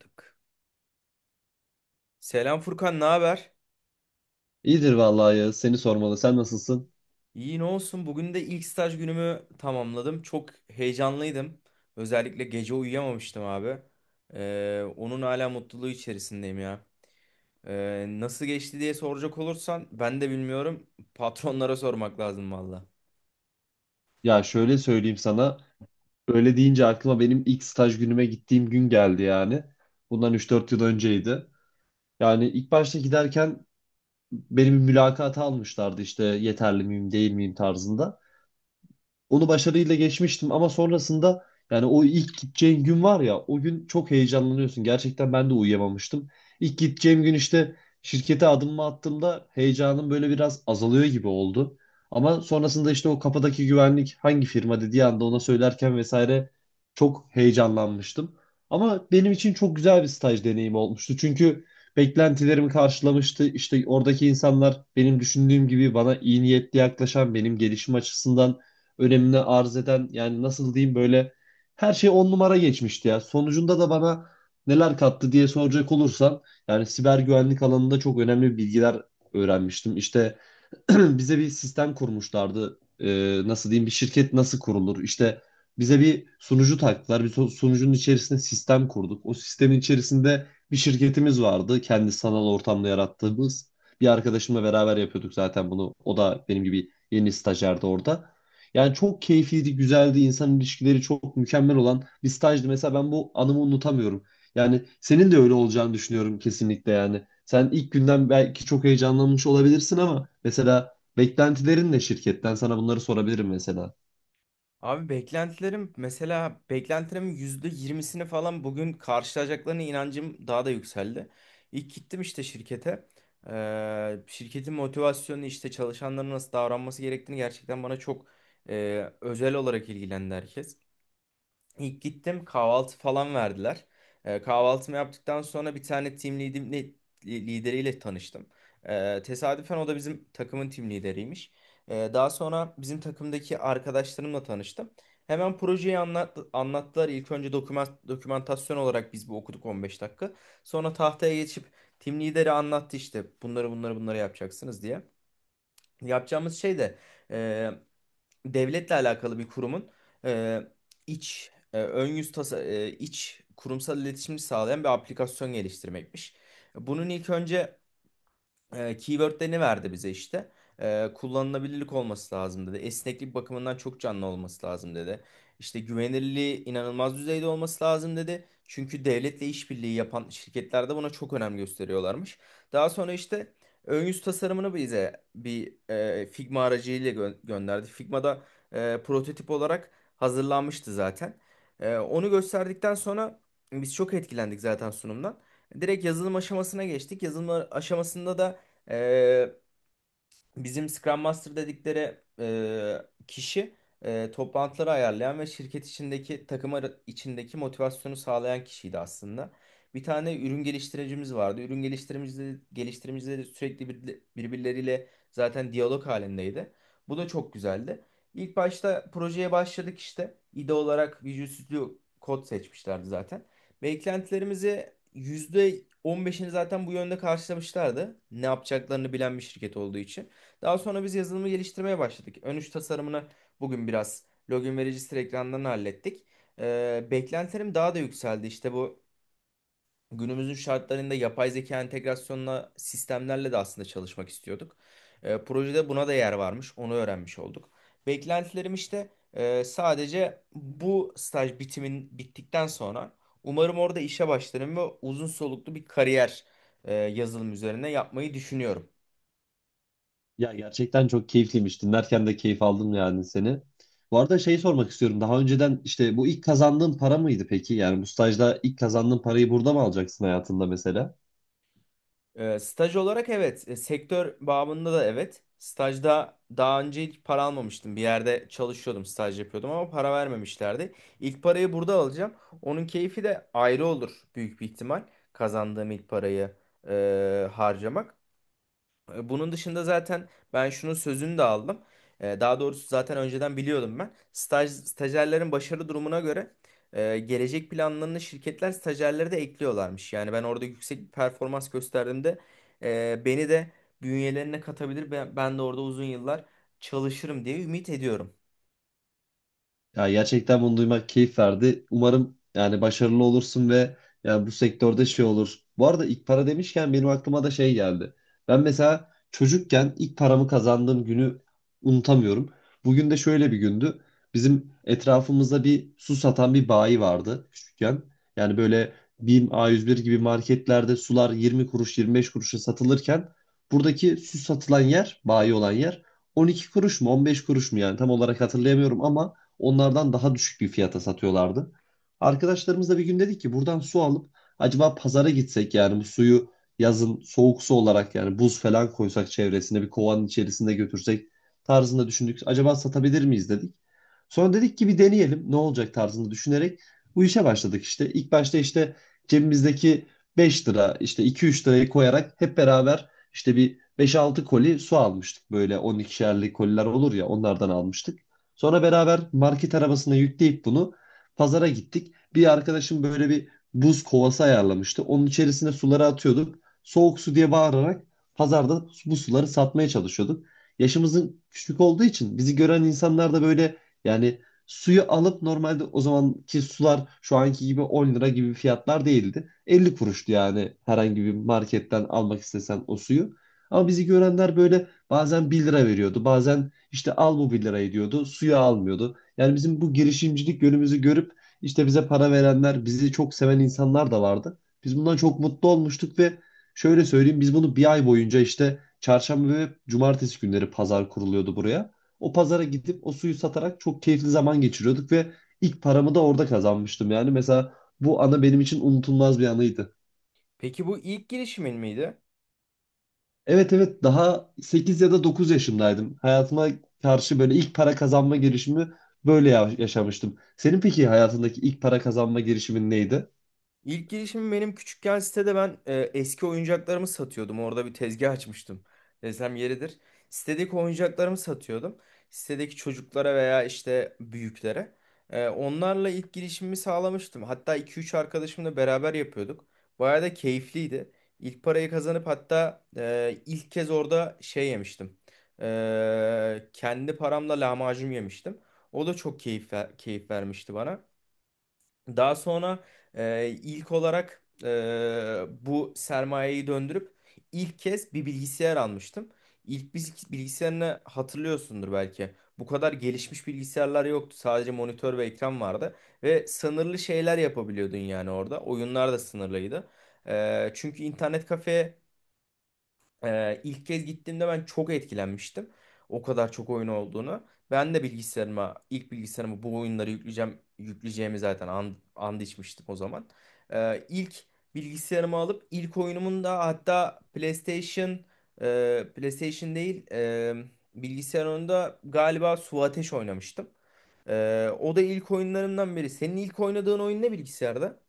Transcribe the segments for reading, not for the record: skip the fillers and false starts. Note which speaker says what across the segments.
Speaker 1: Yaptık. Selam Furkan, ne haber?
Speaker 2: İyidir vallahi ya. Seni sormalı. Sen nasılsın?
Speaker 1: İyi ne olsun. Bugün de ilk staj günümü tamamladım. Çok heyecanlıydım. Özellikle gece uyuyamamıştım abi. Onun hala mutluluğu içerisindeyim ya. Nasıl geçti diye soracak olursan ben de bilmiyorum. Patronlara sormak lazım valla.
Speaker 2: Ya şöyle söyleyeyim sana. Öyle deyince aklıma benim ilk staj günüme gittiğim gün geldi yani. Bundan 3-4 yıl önceydi. Yani ilk başta giderken benim bir mülakata almışlardı işte yeterli miyim değil miyim tarzında. Onu başarıyla geçmiştim ama sonrasında yani o ilk gideceğin gün var ya o gün çok heyecanlanıyorsun. Gerçekten ben de uyuyamamıştım. İlk gideceğim gün işte şirkete adımımı attığımda heyecanım böyle biraz azalıyor gibi oldu. Ama sonrasında işte o kapıdaki güvenlik hangi firma dediği anda ona söylerken vesaire çok heyecanlanmıştım. Ama benim için çok güzel bir staj deneyimi olmuştu. Çünkü beklentilerimi karşılamıştı. İşte oradaki insanlar benim düşündüğüm gibi bana iyi niyetli yaklaşan, benim gelişim açısından önemini arz eden, yani nasıl diyeyim, böyle her şey on numara geçmişti ya. Sonucunda da bana neler kattı diye soracak olursan yani siber güvenlik alanında çok önemli bilgiler öğrenmiştim. İşte bize bir sistem kurmuşlardı. Nasıl diyeyim, bir şirket nasıl kurulur? İşte bize bir sunucu taktılar. Bir sunucunun içerisinde sistem kurduk. O sistemin içerisinde bir şirketimiz vardı. Kendi sanal ortamda yarattığımız. Bir arkadaşımla beraber yapıyorduk zaten bunu. O da benim gibi yeni stajyerdi orada. Yani çok keyifliydi, güzeldi. İnsan ilişkileri çok mükemmel olan bir stajdı. Mesela ben bu anımı unutamıyorum. Yani senin de öyle olacağını düşünüyorum kesinlikle yani. Sen ilk günden belki çok heyecanlanmış olabilirsin ama mesela beklentilerin ne şirketten? Sana bunları sorabilirim mesela.
Speaker 1: Abi beklentilerim, mesela beklentilerin %20'sini falan bugün karşılayacaklarına inancım daha da yükseldi. İlk gittim işte şirkete. Şirketin motivasyonu, işte çalışanların nasıl davranması gerektiğini gerçekten bana çok özel olarak ilgilendi herkes. İlk gittim, kahvaltı falan verdiler. Kahvaltımı yaptıktan sonra bir tane lideriyle tanıştım. Tesadüfen o da bizim takımın team lideriymiş. Daha sonra bizim takımdaki arkadaşlarımla tanıştım. Hemen projeyi anlattılar. İlk önce dokümantasyon olarak biz bu okuduk 15 dakika. Sonra tahtaya geçip team lideri anlattı, işte bunları bunları bunları yapacaksınız diye. Yapacağımız şey de devletle alakalı bir kurumun e, iç e, ön yüz tasa, e, iç kurumsal iletişimi sağlayan bir aplikasyon geliştirmekmiş. Bunun ilk önce keywordlerini verdi bize işte. Kullanılabilirlik olması lazım dedi. Esneklik bakımından çok canlı olması lazım dedi. İşte güvenilirliği inanılmaz düzeyde olması lazım dedi. Çünkü devletle işbirliği yapan şirketler de buna çok önem gösteriyorlarmış. Daha sonra işte ön yüz tasarımını bize bir Figma aracıyla gönderdi. Figma'da prototip olarak hazırlanmıştı zaten. Onu gösterdikten sonra biz çok etkilendik zaten sunumdan. Direkt yazılım aşamasına geçtik. Yazılım aşamasında da ee, bizim Scrum Master dedikleri kişi, toplantıları ayarlayan ve şirket içindeki içindeki motivasyonu sağlayan kişiydi aslında. Bir tane ürün geliştiricimiz vardı. Ürün geliştiricimizle de sürekli birbirleriyle zaten diyalog halindeydi. Bu da çok güzeldi. İlk başta projeye başladık işte. İde olarak Visual Studio Code seçmişlerdi zaten. Beklentilerimizi %15'ini zaten bu yönde karşılamışlardı. Ne yapacaklarını bilen bir şirket olduğu için. Daha sonra biz yazılımı geliştirmeye başladık. Ön üç tasarımını bugün biraz login ve register ekranından hallettik. Beklentilerim daha da yükseldi. İşte bu günümüzün şartlarında yapay zeka entegrasyonla sistemlerle de aslında çalışmak istiyorduk. Projede buna da yer varmış. Onu öğrenmiş olduk. Beklentilerim işte, sadece bu staj bitimin bittikten sonra umarım orada işe başlarım ve uzun soluklu bir kariyer yazılım üzerine yapmayı düşünüyorum.
Speaker 2: Ya gerçekten çok keyifliymiş. Dinlerken de keyif aldım yani seni. Bu arada şey sormak istiyorum. Daha önceden işte bu ilk kazandığın para mıydı peki? Yani bu stajda ilk kazandığın parayı burada mı alacaksın hayatında mesela?
Speaker 1: Staj olarak evet. Sektör bağımında da evet. Stajda daha önce hiç para almamıştım. Bir yerde çalışıyordum, staj yapıyordum ama para vermemişlerdi. İlk parayı burada alacağım. Onun keyfi de ayrı olur büyük bir ihtimal. Kazandığım ilk parayı harcamak. Bunun dışında zaten ben şunun sözünü de aldım. Daha doğrusu zaten önceden biliyordum ben. Stajyerlerin başarı durumuna göre gelecek planlarını şirketler stajyerlere de ekliyorlarmış. Yani ben orada yüksek bir performans gösterdiğimde beni de bünyelerine katabilir. Ben de orada uzun yıllar çalışırım diye ümit ediyorum.
Speaker 2: Ya gerçekten bunu duymak keyif verdi. Umarım yani başarılı olursun ve yani bu sektörde şey olur. Bu arada ilk para demişken benim aklıma da şey geldi. Ben mesela çocukken ilk paramı kazandığım günü unutamıyorum. Bugün de şöyle bir gündü. Bizim etrafımızda bir su satan bir bayi vardı küçükken. Yani böyle BİM, a yüz bir gibi marketlerde sular 20 kuruş 25 kuruşa satılırken buradaki su satılan yer, bayi olan yer 12 kuruş mu 15 kuruş mu, yani tam olarak hatırlayamıyorum, ama onlardan daha düşük bir fiyata satıyorlardı. Arkadaşlarımızla bir gün dedik ki buradan su alıp acaba pazara gitsek, yani bu suyu yazın soğuk su olarak, yani buz falan koysak çevresine bir kovanın içerisinde götürsek tarzında düşündük. Acaba satabilir miyiz dedik. Sonra dedik ki bir deneyelim ne olacak tarzında düşünerek bu işe başladık işte. İlk başta işte cebimizdeki 5 lira, işte 2-3 lirayı koyarak hep beraber işte bir 5-6 koli su almıştık. Böyle 12'şerli koliler olur ya, onlardan almıştık. Sonra beraber market arabasına yükleyip bunu pazara gittik. Bir arkadaşım böyle bir buz kovası ayarlamıştı. Onun içerisine suları atıyorduk. Soğuk su diye bağırarak pazarda bu suları satmaya çalışıyorduk. Yaşımızın küçük olduğu için bizi gören insanlar da böyle, yani suyu alıp, normalde o zamanki sular şu anki gibi 10 lira gibi fiyatlar değildi. 50 kuruştu yani herhangi bir marketten almak istesen o suyu. Ama bizi görenler böyle bazen 1 lira veriyordu, bazen işte al bu bir lirayı diyordu. Suyu almıyordu. Yani bizim bu girişimcilik yönümüzü görüp işte bize para verenler, bizi çok seven insanlar da vardı. Biz bundan çok mutlu olmuştuk ve şöyle söyleyeyim, biz bunu bir ay boyunca işte çarşamba ve cumartesi günleri pazar kuruluyordu buraya. O pazara gidip o suyu satarak çok keyifli zaman geçiriyorduk ve ilk paramı da orada kazanmıştım. Yani mesela bu ana benim için unutulmaz bir anıydı.
Speaker 1: Peki bu ilk girişimin miydi?
Speaker 2: Evet, evet, daha 8 ya da 9 yaşındaydım. Hayatıma karşı böyle ilk para kazanma girişimi böyle yaşamıştım. Senin peki hayatındaki ilk para kazanma girişimin neydi?
Speaker 1: İlk girişim benim küçükken sitede ben eski oyuncaklarımı satıyordum. Orada bir tezgah açmıştım. Desem yeridir. Sitedeki oyuncaklarımı satıyordum. Sitedeki çocuklara veya işte büyüklere. Onlarla ilk girişimimi sağlamıştım. Hatta iki üç arkadaşımla beraber yapıyorduk. Bayağı da keyifliydi. İlk parayı kazanıp hatta ilk kez orada şey yemiştim. Kendi paramla lahmacun yemiştim. O da çok keyif vermişti bana. Daha sonra ilk olarak bu sermayeyi döndürüp ilk kez bir bilgisayar almıştım. İlk bilgisayarını hatırlıyorsundur belki. Bu kadar gelişmiş bilgisayarlar yoktu. Sadece monitör ve ekran vardı. Ve sınırlı şeyler yapabiliyordun yani orada. Oyunlar da sınırlıydı. Çünkü internet kafeye ilk kez gittiğimde ben çok etkilenmiştim. O kadar çok oyun olduğunu. Ben de bilgisayarıma, ilk bilgisayarıma bu oyunları yükleyeceğimi zaten and içmiştim o zaman. İlk bilgisayarımı alıp ilk oyunumun da hatta PlayStation, e, PlayStation değil, e, bilgisayar oyununda galiba Su Ateş oynamıştım. O da ilk oyunlarımdan biri. Senin ilk oynadığın oyun ne bilgisayarda?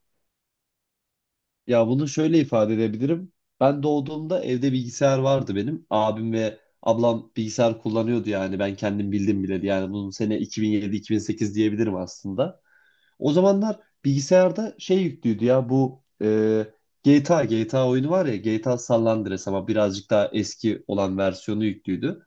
Speaker 2: Ya bunu şöyle ifade edebilirim. Ben doğduğumda evde bilgisayar vardı benim. Abim ve ablam bilgisayar kullanıyordu, yani ben kendim bildim bile. Yani bunun sene 2007-2008 diyebilirim aslında. O zamanlar bilgisayarda şey yüklüydü ya, bu GTA oyunu var ya, GTA San Andreas ama birazcık daha eski olan versiyonu yüklüydü.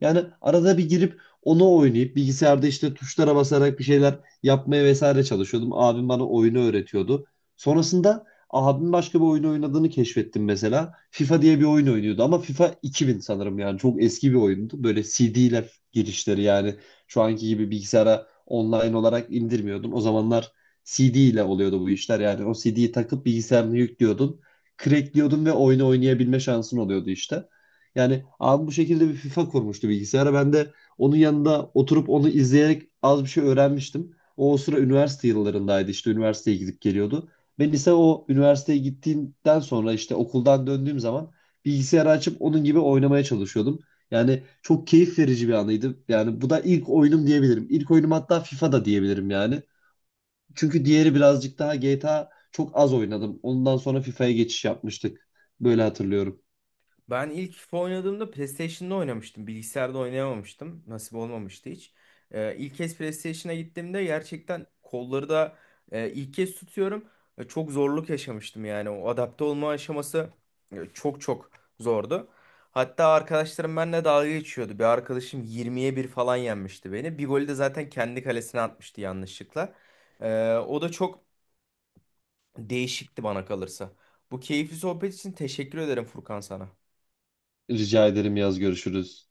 Speaker 2: Yani arada bir girip onu oynayıp bilgisayarda işte tuşlara basarak bir şeyler yapmaya vesaire çalışıyordum. Abim bana oyunu öğretiyordu. Sonrasında abim başka bir oyun oynadığını keşfettim mesela. FIFA diye bir oyun oynuyordu ama FIFA 2000 sanırım, yani çok eski bir oyundu. Böyle CD'ler girişleri, yani şu anki gibi bilgisayara online olarak indirmiyordun. O zamanlar CD ile oluyordu bu işler. Yani o CD'yi takıp bilgisayarını yüklüyordun, crackliyordun ve oyunu oynayabilme şansın oluyordu işte. Yani abi bu şekilde bir FIFA kurmuştu bilgisayara. Ben de onun yanında oturup onu izleyerek az bir şey öğrenmiştim. O sıra üniversite yıllarındaydı, işte üniversiteye gidip geliyordu. Ve lise o üniversiteye gittiğimden sonra işte okuldan döndüğüm zaman bilgisayarı açıp onun gibi oynamaya çalışıyordum. Yani çok keyif verici bir anıydı. Yani bu da ilk oyunum diyebilirim. İlk oyunum hatta FIFA da diyebilirim yani. Çünkü diğeri birazcık daha, GTA çok az oynadım. Ondan sonra FIFA'ya geçiş yapmıştık. Böyle hatırlıyorum.
Speaker 1: Ben ilk oynadığımda PlayStation'da oynamıştım. Bilgisayarda oynayamamıştım. Nasip olmamıştı hiç. İlk kez PlayStation'a gittiğimde gerçekten kolları da ilk kez tutuyorum. Çok zorluk yaşamıştım yani. O adapte olma aşaması çok zordu. Hatta arkadaşlarım benimle dalga geçiyordu. Bir arkadaşım 20-1 falan yenmişti beni. Bir golü de zaten kendi kalesine atmıştı yanlışlıkla. O da çok değişikti bana kalırsa. Bu keyifli sohbet için teşekkür ederim Furkan sana.
Speaker 2: Rica ederim, yaz görüşürüz.